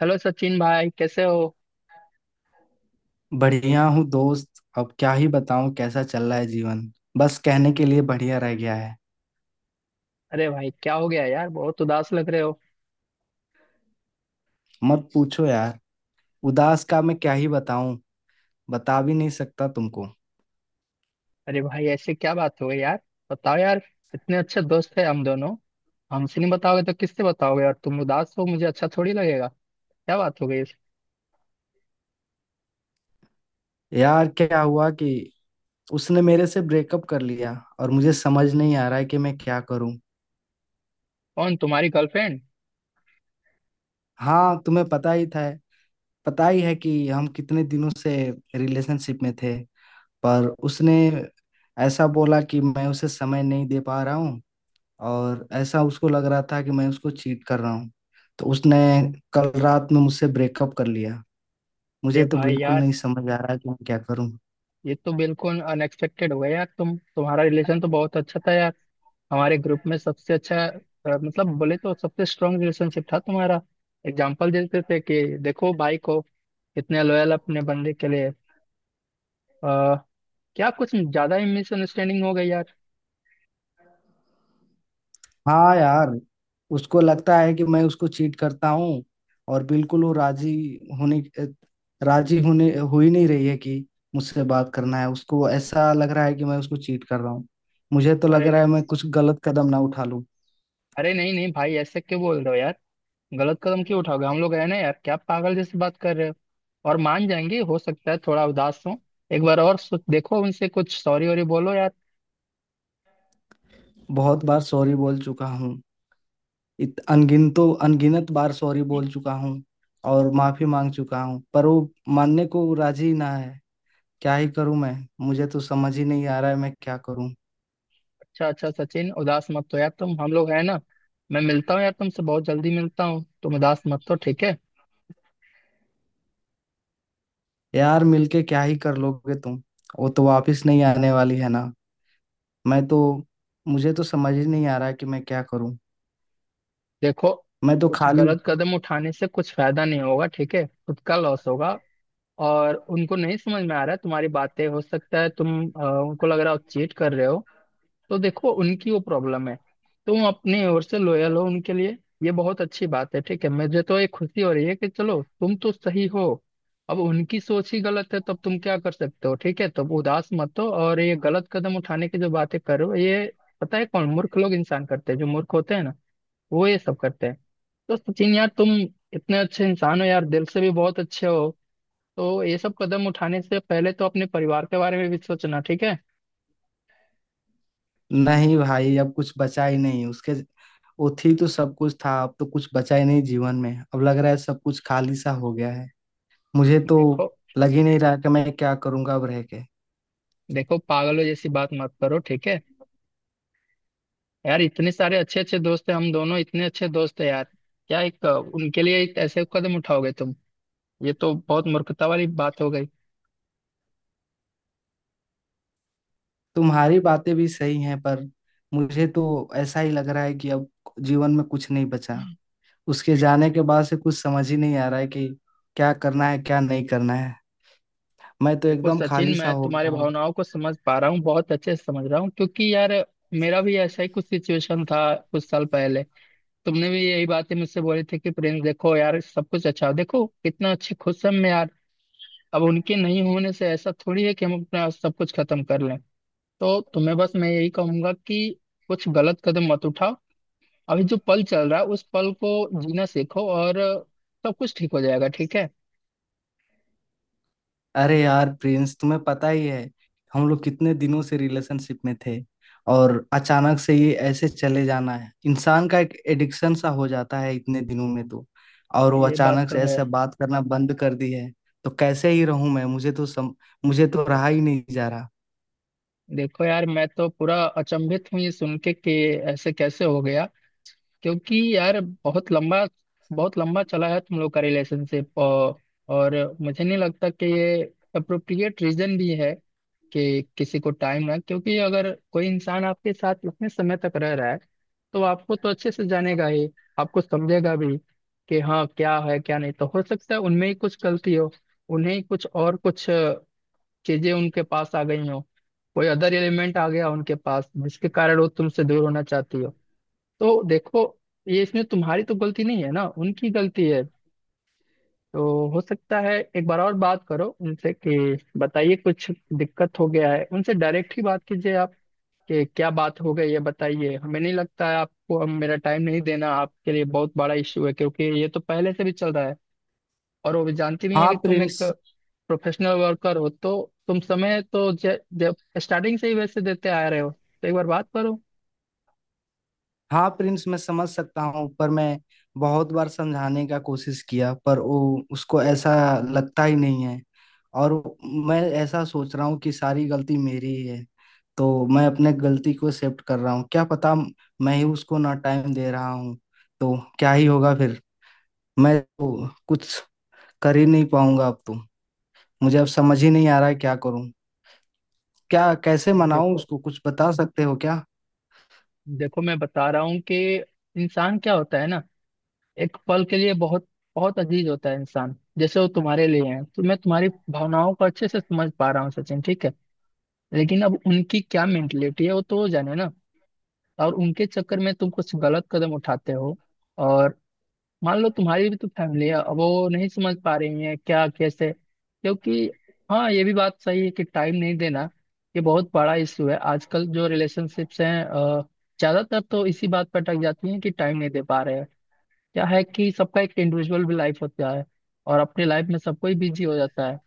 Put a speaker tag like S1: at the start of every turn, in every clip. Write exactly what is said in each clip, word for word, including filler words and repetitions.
S1: Hello Sachin भाई, कैसे हो।
S2: बढ़िया हूँ दोस्त। अब क्या ही बताऊँ कैसा चल रहा है जीवन। बस कहने के लिए बढ़िया रह गया है।
S1: अरे भाई क्या हो गया यार, बहुत उदास लग रहे हो।
S2: मत पूछो यार। उदास का मैं क्या ही बताऊँ। बता भी नहीं सकता तुमको।
S1: अरे भाई ऐसे क्या बात हो गई यार, बताओ यार। इतने अच्छे दोस्त है हम दोनों। हमसे नहीं बताओगे तो किससे बताओगे, और तुम उदास हो मुझे अच्छा थोड़ी लगेगा। क्या बात हो गई इस-।
S2: यार क्या हुआ कि उसने मेरे से ब्रेकअप कर लिया। और मुझे समझ नहीं आ रहा है कि मैं क्या करूँ।
S1: कौन, तुम्हारी गर्लफ्रेंड?
S2: हाँ, तुम्हें पता ही था। पता ही है कि हम कितने दिनों से रिलेशनशिप में थे। पर उसने ऐसा बोला कि मैं उसे समय नहीं दे पा रहा हूँ। और ऐसा उसको लग रहा था कि मैं उसको चीट कर रहा हूँ। तो उसने कल रात में मुझसे ब्रेकअप कर लिया।
S1: अरे
S2: मुझे तो
S1: भाई
S2: बिल्कुल
S1: यार,
S2: नहीं समझ आ रहा है कि मैं क्या करूँ।
S1: ये तो बिल्कुल अनएक्सपेक्टेड हो गया यार। तुम तुम्हारा रिलेशन तो बहुत अच्छा था यार, हमारे ग्रुप में सबसे अच्छा। अ, मतलब बोले तो सबसे स्ट्रांग रिलेशनशिप था तुम्हारा। एग्जाम्पल देते थे कि देखो भाई को, कितने लॉयल अपने बंदे के लिए। क्या कुछ ज्यादा ही मिसअंडरस्टैंडिंग हो गई यार?
S2: हाँ यार, उसको लगता है कि मैं उसको चीट करता हूँ। और बिल्कुल वो राजी होने राजी होने हो ही नहीं रही है कि मुझसे बात करना है। उसको ऐसा लग रहा है कि मैं उसको चीट कर रहा हूँ। मुझे तो लग
S1: अरे
S2: रहा है
S1: नहीं।
S2: मैं कुछ गलत कदम ना उठा लूँ।
S1: अरे नहीं नहीं भाई, ऐसे क्यों बोल रहे हो यार। गलत कदम क्यों उठाओगे, हम लोग है ना यार। क्या पागल जैसे बात कर रहे हो। और मान जाएंगे, हो सकता है थोड़ा उदास हो। एक बार और सोच देखो, उनसे कुछ सॉरी वॉरी बोलो यार।
S2: बहुत बार सॉरी बोल चुका हूँ। इत अनगिन तो अनगिनत बार सॉरी बोल चुका हूँ। और माफी मांग चुका हूँ। पर वो मानने को राजी ना है। क्या ही करूँ मैं। मुझे तो समझ ही नहीं आ रहा है मैं क्या करूँ।
S1: अच्छा अच्छा सचिन, उदास मत हो यार तुम, हम लोग है ना। मैं मिलता हूँ यार तुमसे, बहुत जल्दी मिलता हूँ। तुम उदास मत हो, ठीक है।
S2: यार मिलके क्या ही कर लोगे तुम। वो तो वापस नहीं आने वाली है ना। मैं तो मुझे तो समझ ही नहीं आ रहा है कि मैं क्या करूँ।
S1: देखो,
S2: मैं तो
S1: कुछ
S2: खाली।
S1: गलत कदम उठाने से कुछ फायदा नहीं होगा, ठीक है, खुद का लॉस होगा। और उनको नहीं समझ में आ रहा है तुम्हारी बातें, हो सकता है तुम अ, उनको लग रहा हो चीट कर रहे हो। तो देखो, उनकी वो प्रॉब्लम है। तुम अपने ओर से लॉयल हो उनके लिए, ये बहुत अच्छी बात है, ठीक है। मुझे तो ये खुशी हो रही है कि चलो तुम तो सही हो। अब उनकी सोच ही गलत है, तब तुम क्या कर सकते हो, ठीक है। तब उदास मत हो। और ये गलत कदम उठाने की जो बातें कर रहे हो, ये पता है कौन मूर्ख लोग इंसान करते हैं, जो मूर्ख होते हैं ना, वो ये सब करते हैं। तो सचिन यार, तुम इतने अच्छे इंसान हो यार, दिल से भी बहुत अच्छे हो। तो ये सब कदम उठाने से पहले तो अपने परिवार के बारे में भी सोचना, ठीक है।
S2: नहीं भाई, अब कुछ बचा ही नहीं उसके। वो थी तो सब कुछ था। अब तो कुछ बचा ही नहीं जीवन में। अब लग रहा है सब कुछ खाली सा हो गया है। मुझे तो
S1: देखो।
S2: लग ही नहीं रहा कि मैं क्या करूंगा अब रह के।
S1: देखो, पागलों जैसी बात मत करो, ठीक है। यार, इतने सारे अच्छे अच्छे दोस्त हैं, हम दोनों इतने अच्छे दोस्त हैं यार। क्या एक अ, उनके लिए एक ऐसे कदम उठाओगे तुम? ये तो बहुत मूर्खता वाली बात हो गई।
S2: तुम्हारी बातें भी सही हैं, पर मुझे तो ऐसा ही लग रहा है कि अब जीवन में कुछ नहीं बचा। उसके जाने के बाद से कुछ समझ ही नहीं आ रहा है कि क्या करना है क्या नहीं करना है। मैं तो
S1: देखो
S2: एकदम
S1: सचिन,
S2: खाली सा
S1: मैं
S2: हो गया
S1: तुम्हारे
S2: हूँ।
S1: भावनाओं को समझ पा रहा हूँ, बहुत अच्छे से समझ रहा हूँ, क्योंकि यार मेरा भी ऐसा ही कुछ सिचुएशन था कुछ साल पहले। तुमने भी यही बातें मुझसे बोली थी कि प्रिंस देखो यार, सब कुछ अच्छा, देखो कितना अच्छे खुश हम, मैं यार। अब उनके नहीं होने से ऐसा थोड़ी है कि हम अपना सब कुछ खत्म कर लें। तो तुम्हें बस मैं यही कहूंगा कि कुछ गलत कदम मत उठाओ। अभी जो पल चल रहा है, उस पल को जीना सीखो, और सब कुछ ठीक हो जाएगा, ठीक है।
S2: अरे यार प्रिंस, तुम्हें पता ही है हम लोग कितने दिनों से रिलेशनशिप में थे। और अचानक से ये ऐसे चले जाना है, इंसान का एक एडिक्शन सा हो जाता है इतने दिनों में तो। और वो
S1: ये बात
S2: अचानक
S1: तो
S2: से
S1: है।
S2: ऐसे बात करना बंद कर दी है। तो कैसे ही रहूं मैं। मुझे तो सम मुझे तो रहा ही नहीं जा रहा।
S1: देखो यार, मैं तो पूरा अचंभित हूँ ये सुन के, कि ऐसे कैसे हो गया। क्योंकि यार बहुत लंबा, बहुत लंबा चला है तुम लोग का रिलेशनशिप, और, और मुझे नहीं लगता कि ये अप्रोप्रिएट रीजन भी है कि किसी को टाइम ना। क्योंकि अगर कोई इंसान आपके साथ उतने समय तक रह रहा है, तो आपको तो अच्छे से जानेगा ही, आपको समझेगा भी, कि हाँ क्या है क्या नहीं। तो हो सकता है उनमें ही कुछ गलती हो, उन्हें ही कुछ और कुछ अ, चीजें उनके पास आ गई हो। कोई अदर एलिमेंट आ गया उनके पास, जिसके कारण वो तुमसे दूर होना चाहती हो। तो देखो, ये इसमें तुम्हारी तो गलती नहीं है ना, उनकी गलती है। तो हो सकता है एक बार और बात करो उनसे कि बताइए कुछ दिक्कत हो गया है। उनसे डायरेक्ट ही बात कीजिए आप, कि क्या बात हो गई ये बताइए। हमें नहीं लगता है आपको, हम मेरा टाइम नहीं देना आपके लिए बहुत बड़ा इश्यू है, क्योंकि ये तो पहले से भी चल रहा है। और वो भी जानती भी है
S2: हाँ
S1: कि तुम एक
S2: प्रिंस
S1: प्रोफेशनल वर्कर हो। तो तुम समय तो जब स्टार्टिंग से ही वैसे देते आ रहे हो, तो एक बार बात करो।
S2: हाँ प्रिंस, मैं समझ सकता हूँ। पर मैं बहुत बार समझाने का कोशिश किया, पर वो उसको ऐसा लगता ही नहीं है। और मैं ऐसा सोच रहा हूँ कि सारी गलती मेरी ही है। तो मैं अपने गलती को एक्सेप्ट कर रहा हूँ। क्या पता, मैं ही उसको ना टाइम दे रहा हूँ। तो क्या ही होगा फिर। मैं तो कुछ कर ही नहीं पाऊंगा अब तो। मुझे अब समझ ही नहीं आ रहा है क्या करूँ। क्या कैसे
S1: नहीं,
S2: मनाऊं
S1: देखो।
S2: उसको, कुछ बता सकते हो क्या।
S1: देखो, मैं बता रहा हूँ कि इंसान क्या होता है ना, एक पल के लिए बहुत, बहुत अजीज होता है इंसान, जैसे वो तुम्हारे लिए हैं। तो मैं तुम्हारी भावनाओं को अच्छे से समझ पा रहा हूँ सचिन, ठीक है। लेकिन अब उनकी क्या मेंटेलिटी है, वो तो वो जाने ना। और उनके चक्कर में तुम कुछ गलत कदम उठाते हो, और मान लो तुम्हारी भी तो फैमिली है। अब वो नहीं समझ पा रही है क्या कैसे, क्योंकि हाँ ये भी बात सही है कि टाइम नहीं देना ये बहुत बड़ा इशू है। आजकल जो रिलेशनशिप्स हैं अ, ज्यादातर तो इसी बात पर अटक जाती हैं कि टाइम नहीं दे पा रहे हैं। क्या है कि सबका एक इंडिविजुअल भी लाइफ होता है, और अपनी लाइफ में सब कोई बिजी हो जाता है।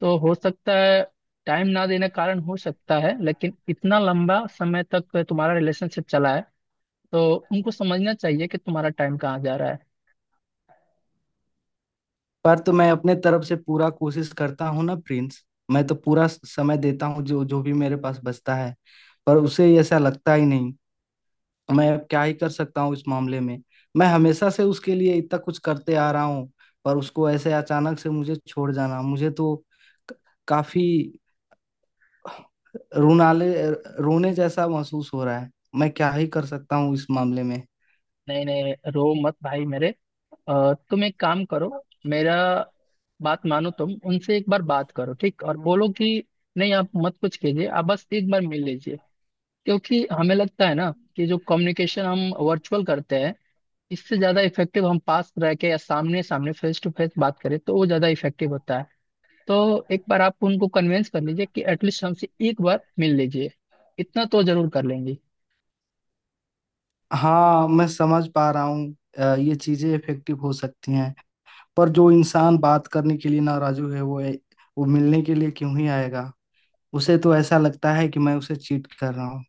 S1: तो हो सकता है टाइम ना देने के कारण हो सकता है, लेकिन इतना लंबा समय तक तुम्हारा रिलेशनशिप चला है, तो उनको समझना चाहिए कि तुम्हारा टाइम कहाँ जा रहा है।
S2: पर तो मैं अपने तरफ से पूरा कोशिश करता हूँ ना प्रिंस। मैं तो पूरा समय देता हूँ जो जो भी मेरे पास बचता है। पर उसे ऐसा लगता ही नहीं। मैं अब क्या ही कर सकता हूँ इस मामले में। मैं हमेशा से उसके लिए इतना कुछ करते आ रहा हूँ। पर उसको ऐसे अचानक से मुझे छोड़ जाना, मुझे तो क- काफी रोनाले रोने जैसा महसूस हो रहा है। मैं क्या ही कर सकता हूँ इस मामले में।
S1: नहीं नहीं रो मत भाई मेरे। अ, तुम एक काम करो, मेरा बात मानो। तुम उनसे एक बार बात करो, ठीक, और बोलो कि नहीं आप मत कुछ कीजिए, आप बस एक बार मिल लीजिए। क्योंकि हमें लगता है ना कि जो कम्युनिकेशन हम वर्चुअल करते हैं, इससे ज्यादा इफेक्टिव हम पास रह के या सामने सामने फेस टू फेस बात करें, तो वो ज्यादा इफेक्टिव होता है। तो एक बार आप उनको कन्विंस कर लीजिए कि एटलीस्ट हमसे एक बार मिल लीजिए, इतना तो जरूर कर लेंगे।
S2: हाँ, मैं समझ पा रहा हूँ। अ, ये चीजें इफेक्टिव हो सकती हैं। पर जो इंसान बात करने के लिए नाराजू है, वो वो मिलने के लिए क्यों ही आएगा। उसे तो ऐसा लगता है कि मैं उसे चीट कर रहा हूँ।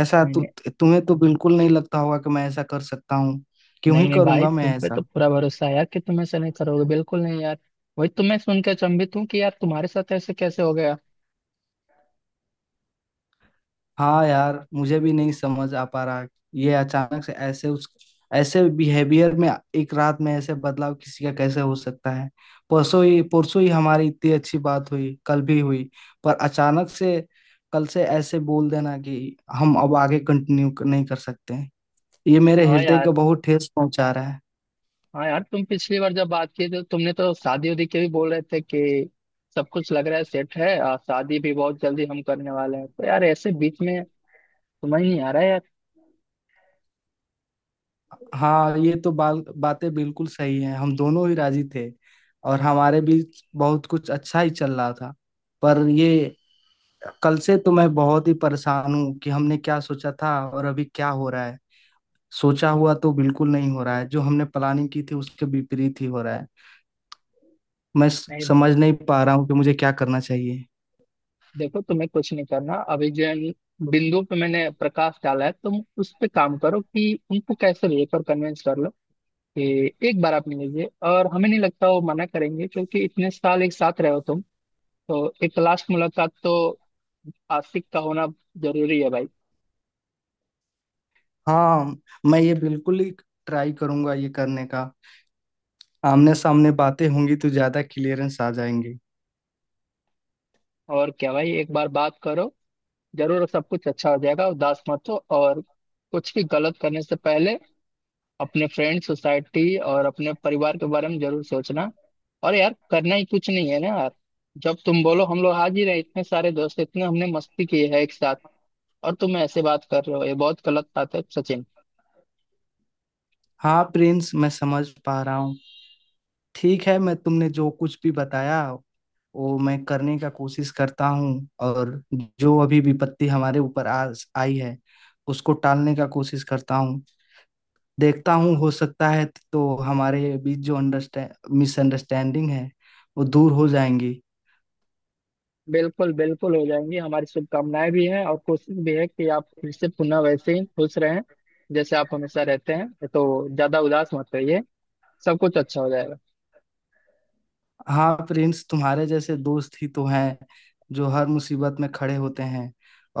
S2: ऐसा तु, तुम्हें तो बिल्कुल नहीं लगता होगा कि मैं ऐसा कर सकता हूँ। क्यों ही
S1: नहीं नहीं भाई,
S2: करूंगा मैं
S1: तुम पे तो
S2: ऐसा।
S1: पूरा भरोसा है यार कि तुम ऐसा नहीं करोगे, बिल्कुल नहीं यार। वही तुम्हें सुन के अचंभित हूँ कि यार तुम्हारे साथ ऐसे कैसे हो गया।
S2: हाँ यार, मुझे भी नहीं समझ आ पा रहा। ये अचानक से ऐसे उस ऐसे बिहेवियर में एक रात में ऐसे बदलाव किसी का कैसे हो सकता है। परसों ही परसों ही हमारी इतनी अच्छी बात हुई, कल भी हुई। पर अचानक से कल से ऐसे बोल देना कि हम अब आगे कंटिन्यू नहीं कर सकते हैं, ये मेरे
S1: हाँ
S2: हृदय को
S1: यार।
S2: बहुत ठेस पहुंचा रहा है।
S1: हाँ यार, तुम पिछली बार जब बात किए थे, तुमने तो शादी उदी के भी बोल रहे थे कि सब कुछ लग रहा है सेट है, और शादी भी बहुत जल्दी हम करने वाले हैं। तो यार ऐसे बीच में, समझ नहीं आ रहा है यार।
S2: हाँ ये तो बाल बातें बिल्कुल सही हैं, हम दोनों ही राजी थे। और हमारे बीच बहुत कुछ अच्छा ही चल रहा था। पर ये कल से तो मैं बहुत ही परेशान हूँ कि हमने क्या सोचा था और अभी क्या हो रहा है। सोचा हुआ तो बिल्कुल नहीं हो रहा है, जो हमने प्लानिंग की थी उसके विपरीत ही हो रहा है। मैं स-
S1: नहीं,
S2: समझ नहीं पा रहा हूँ कि मुझे क्या करना चाहिए।
S1: देखो, तुम्हें कुछ नहीं करना। अभी जो बिंदु पे मैंने प्रकाश डाला है, तुम उस पे काम करो कि उनको कैसे लेकर कन्विंस कर लो कि एक बार आप मिलेंगे। और हमें नहीं लगता वो मना करेंगे, क्योंकि इतने साल एक साथ रहे हो तुम। तो एक लास्ट मुलाकात तो आशिक का होना जरूरी है भाई।
S2: हाँ, मैं ये बिल्कुल ही ट्राई करूंगा ये करने का। आमने सामने बातें होंगी तो ज्यादा क्लियरेंस आ जाएंगे।
S1: और क्या भाई, एक बार बात करो जरूर, सब कुछ अच्छा हो जाएगा। उदास मत हो, और कुछ भी गलत करने से पहले अपने फ्रेंड सोसाइटी और अपने परिवार के बारे में जरूर सोचना। और यार करना ही कुछ नहीं है ना यार। जब तुम बोलो हम लोग हाजिर हैं, इतने सारे दोस्त, इतने हमने मस्ती की है एक साथ, और तुम ऐसे बात कर रहे हो, ये बहुत गलत बात है सचिन।
S2: हाँ प्रिंस, मैं समझ पा रहा हूँ। ठीक है, मैं तुमने जो कुछ भी बताया वो मैं करने का कोशिश करता हूँ। और जो अभी विपत्ति हमारे ऊपर आ आई है, उसको टालने का कोशिश करता हूँ। देखता हूँ, हो सकता है तो हमारे बीच जो अंडरस्टैंड मिसअंडरस्टैंडिंग है वो दूर हो जाएंगी।
S1: बिल्कुल बिल्कुल हो जाएंगी। हमारी शुभकामनाएं भी हैं, और कोशिश भी है कि आप फिर से पुनः वैसे ही खुश रहें जैसे आप हमेशा रहते हैं। तो ज्यादा उदास मत रहिए, सब कुछ अच्छा हो जाएगा।
S2: हाँ प्रिंस, तुम्हारे जैसे दोस्त ही तो हैं जो हर मुसीबत में खड़े होते हैं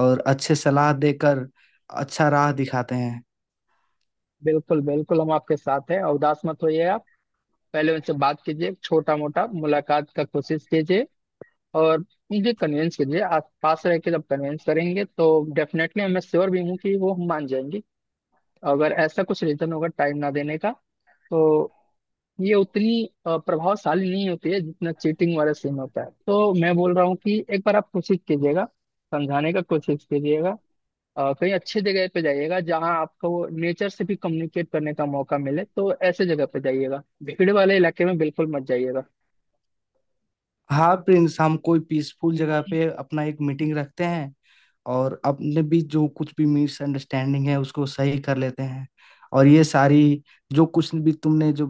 S2: और अच्छे सलाह देकर अच्छा राह दिखाते हैं।
S1: बिल्कुल बिल्कुल, हम आपके साथ हैं, और उदास मत होइए आप। पहले उनसे बात कीजिए, छोटा मोटा मुलाकात का कोशिश कीजिए, और उनके कन्विंस कीजिए। आप पास रह के जब कन्विंस करेंगे, तो डेफिनेटली मैं श्योर भी हूँ कि वो मान जाएंगी। अगर ऐसा कुछ रीजन होगा टाइम ना देने का, तो ये उतनी अ, प्रभावशाली नहीं होती है जितना चीटिंग वाला सीन होता है। तो मैं बोल रहा हूँ कि एक बार आप कोशिश कीजिएगा, समझाने का कोशिश कीजिएगा। अ, कहीं अच्छी जगह पे जाइएगा, जहाँ आपको नेचर से भी कम्युनिकेट करने का मौका मिले। तो ऐसे जगह पे जाइएगा, भीड़ वाले इलाके में बिल्कुल मत जाइएगा।
S2: हाँ प्रिंस, हम कोई पीसफुल जगह पे अपना एक मीटिंग रखते हैं और अपने बीच जो कुछ भी मिसअंडरस्टैंडिंग है उसको सही कर लेते हैं। और ये सारी जो कुछ भी तुमने जो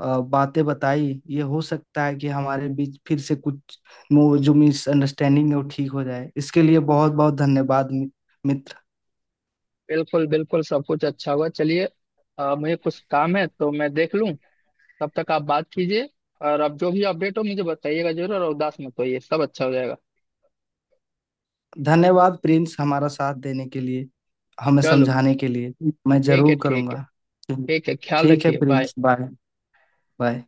S2: अ, बातें बताई, ये हो सकता है कि हमारे बीच फिर से कुछ मो- जो मिसअंडरस्टैंडिंग है वो ठीक हो जाए। इसके लिए बहुत बहुत धन्यवाद मि- मित्र।
S1: बिल्कुल बिल्कुल, सब कुछ अच्छा हुआ, चलिए। अ, मुझे कुछ काम है तो मैं देख लूँ, तब तक आप बात कीजिए। और अब जो भी अपडेट हो मुझे बताइएगा जरूर, और उदास मत होइए, सब अच्छा हो जाएगा।
S2: धन्यवाद प्रिंस हमारा साथ देने के लिए, हमें
S1: चलो,
S2: समझाने के लिए। मैं
S1: ठीक है,
S2: जरूर
S1: ठीक है।
S2: करूँगा।
S1: ठीक है, ख्याल
S2: ठीक है
S1: रखिए, बाय।
S2: Prince, bye. बाय।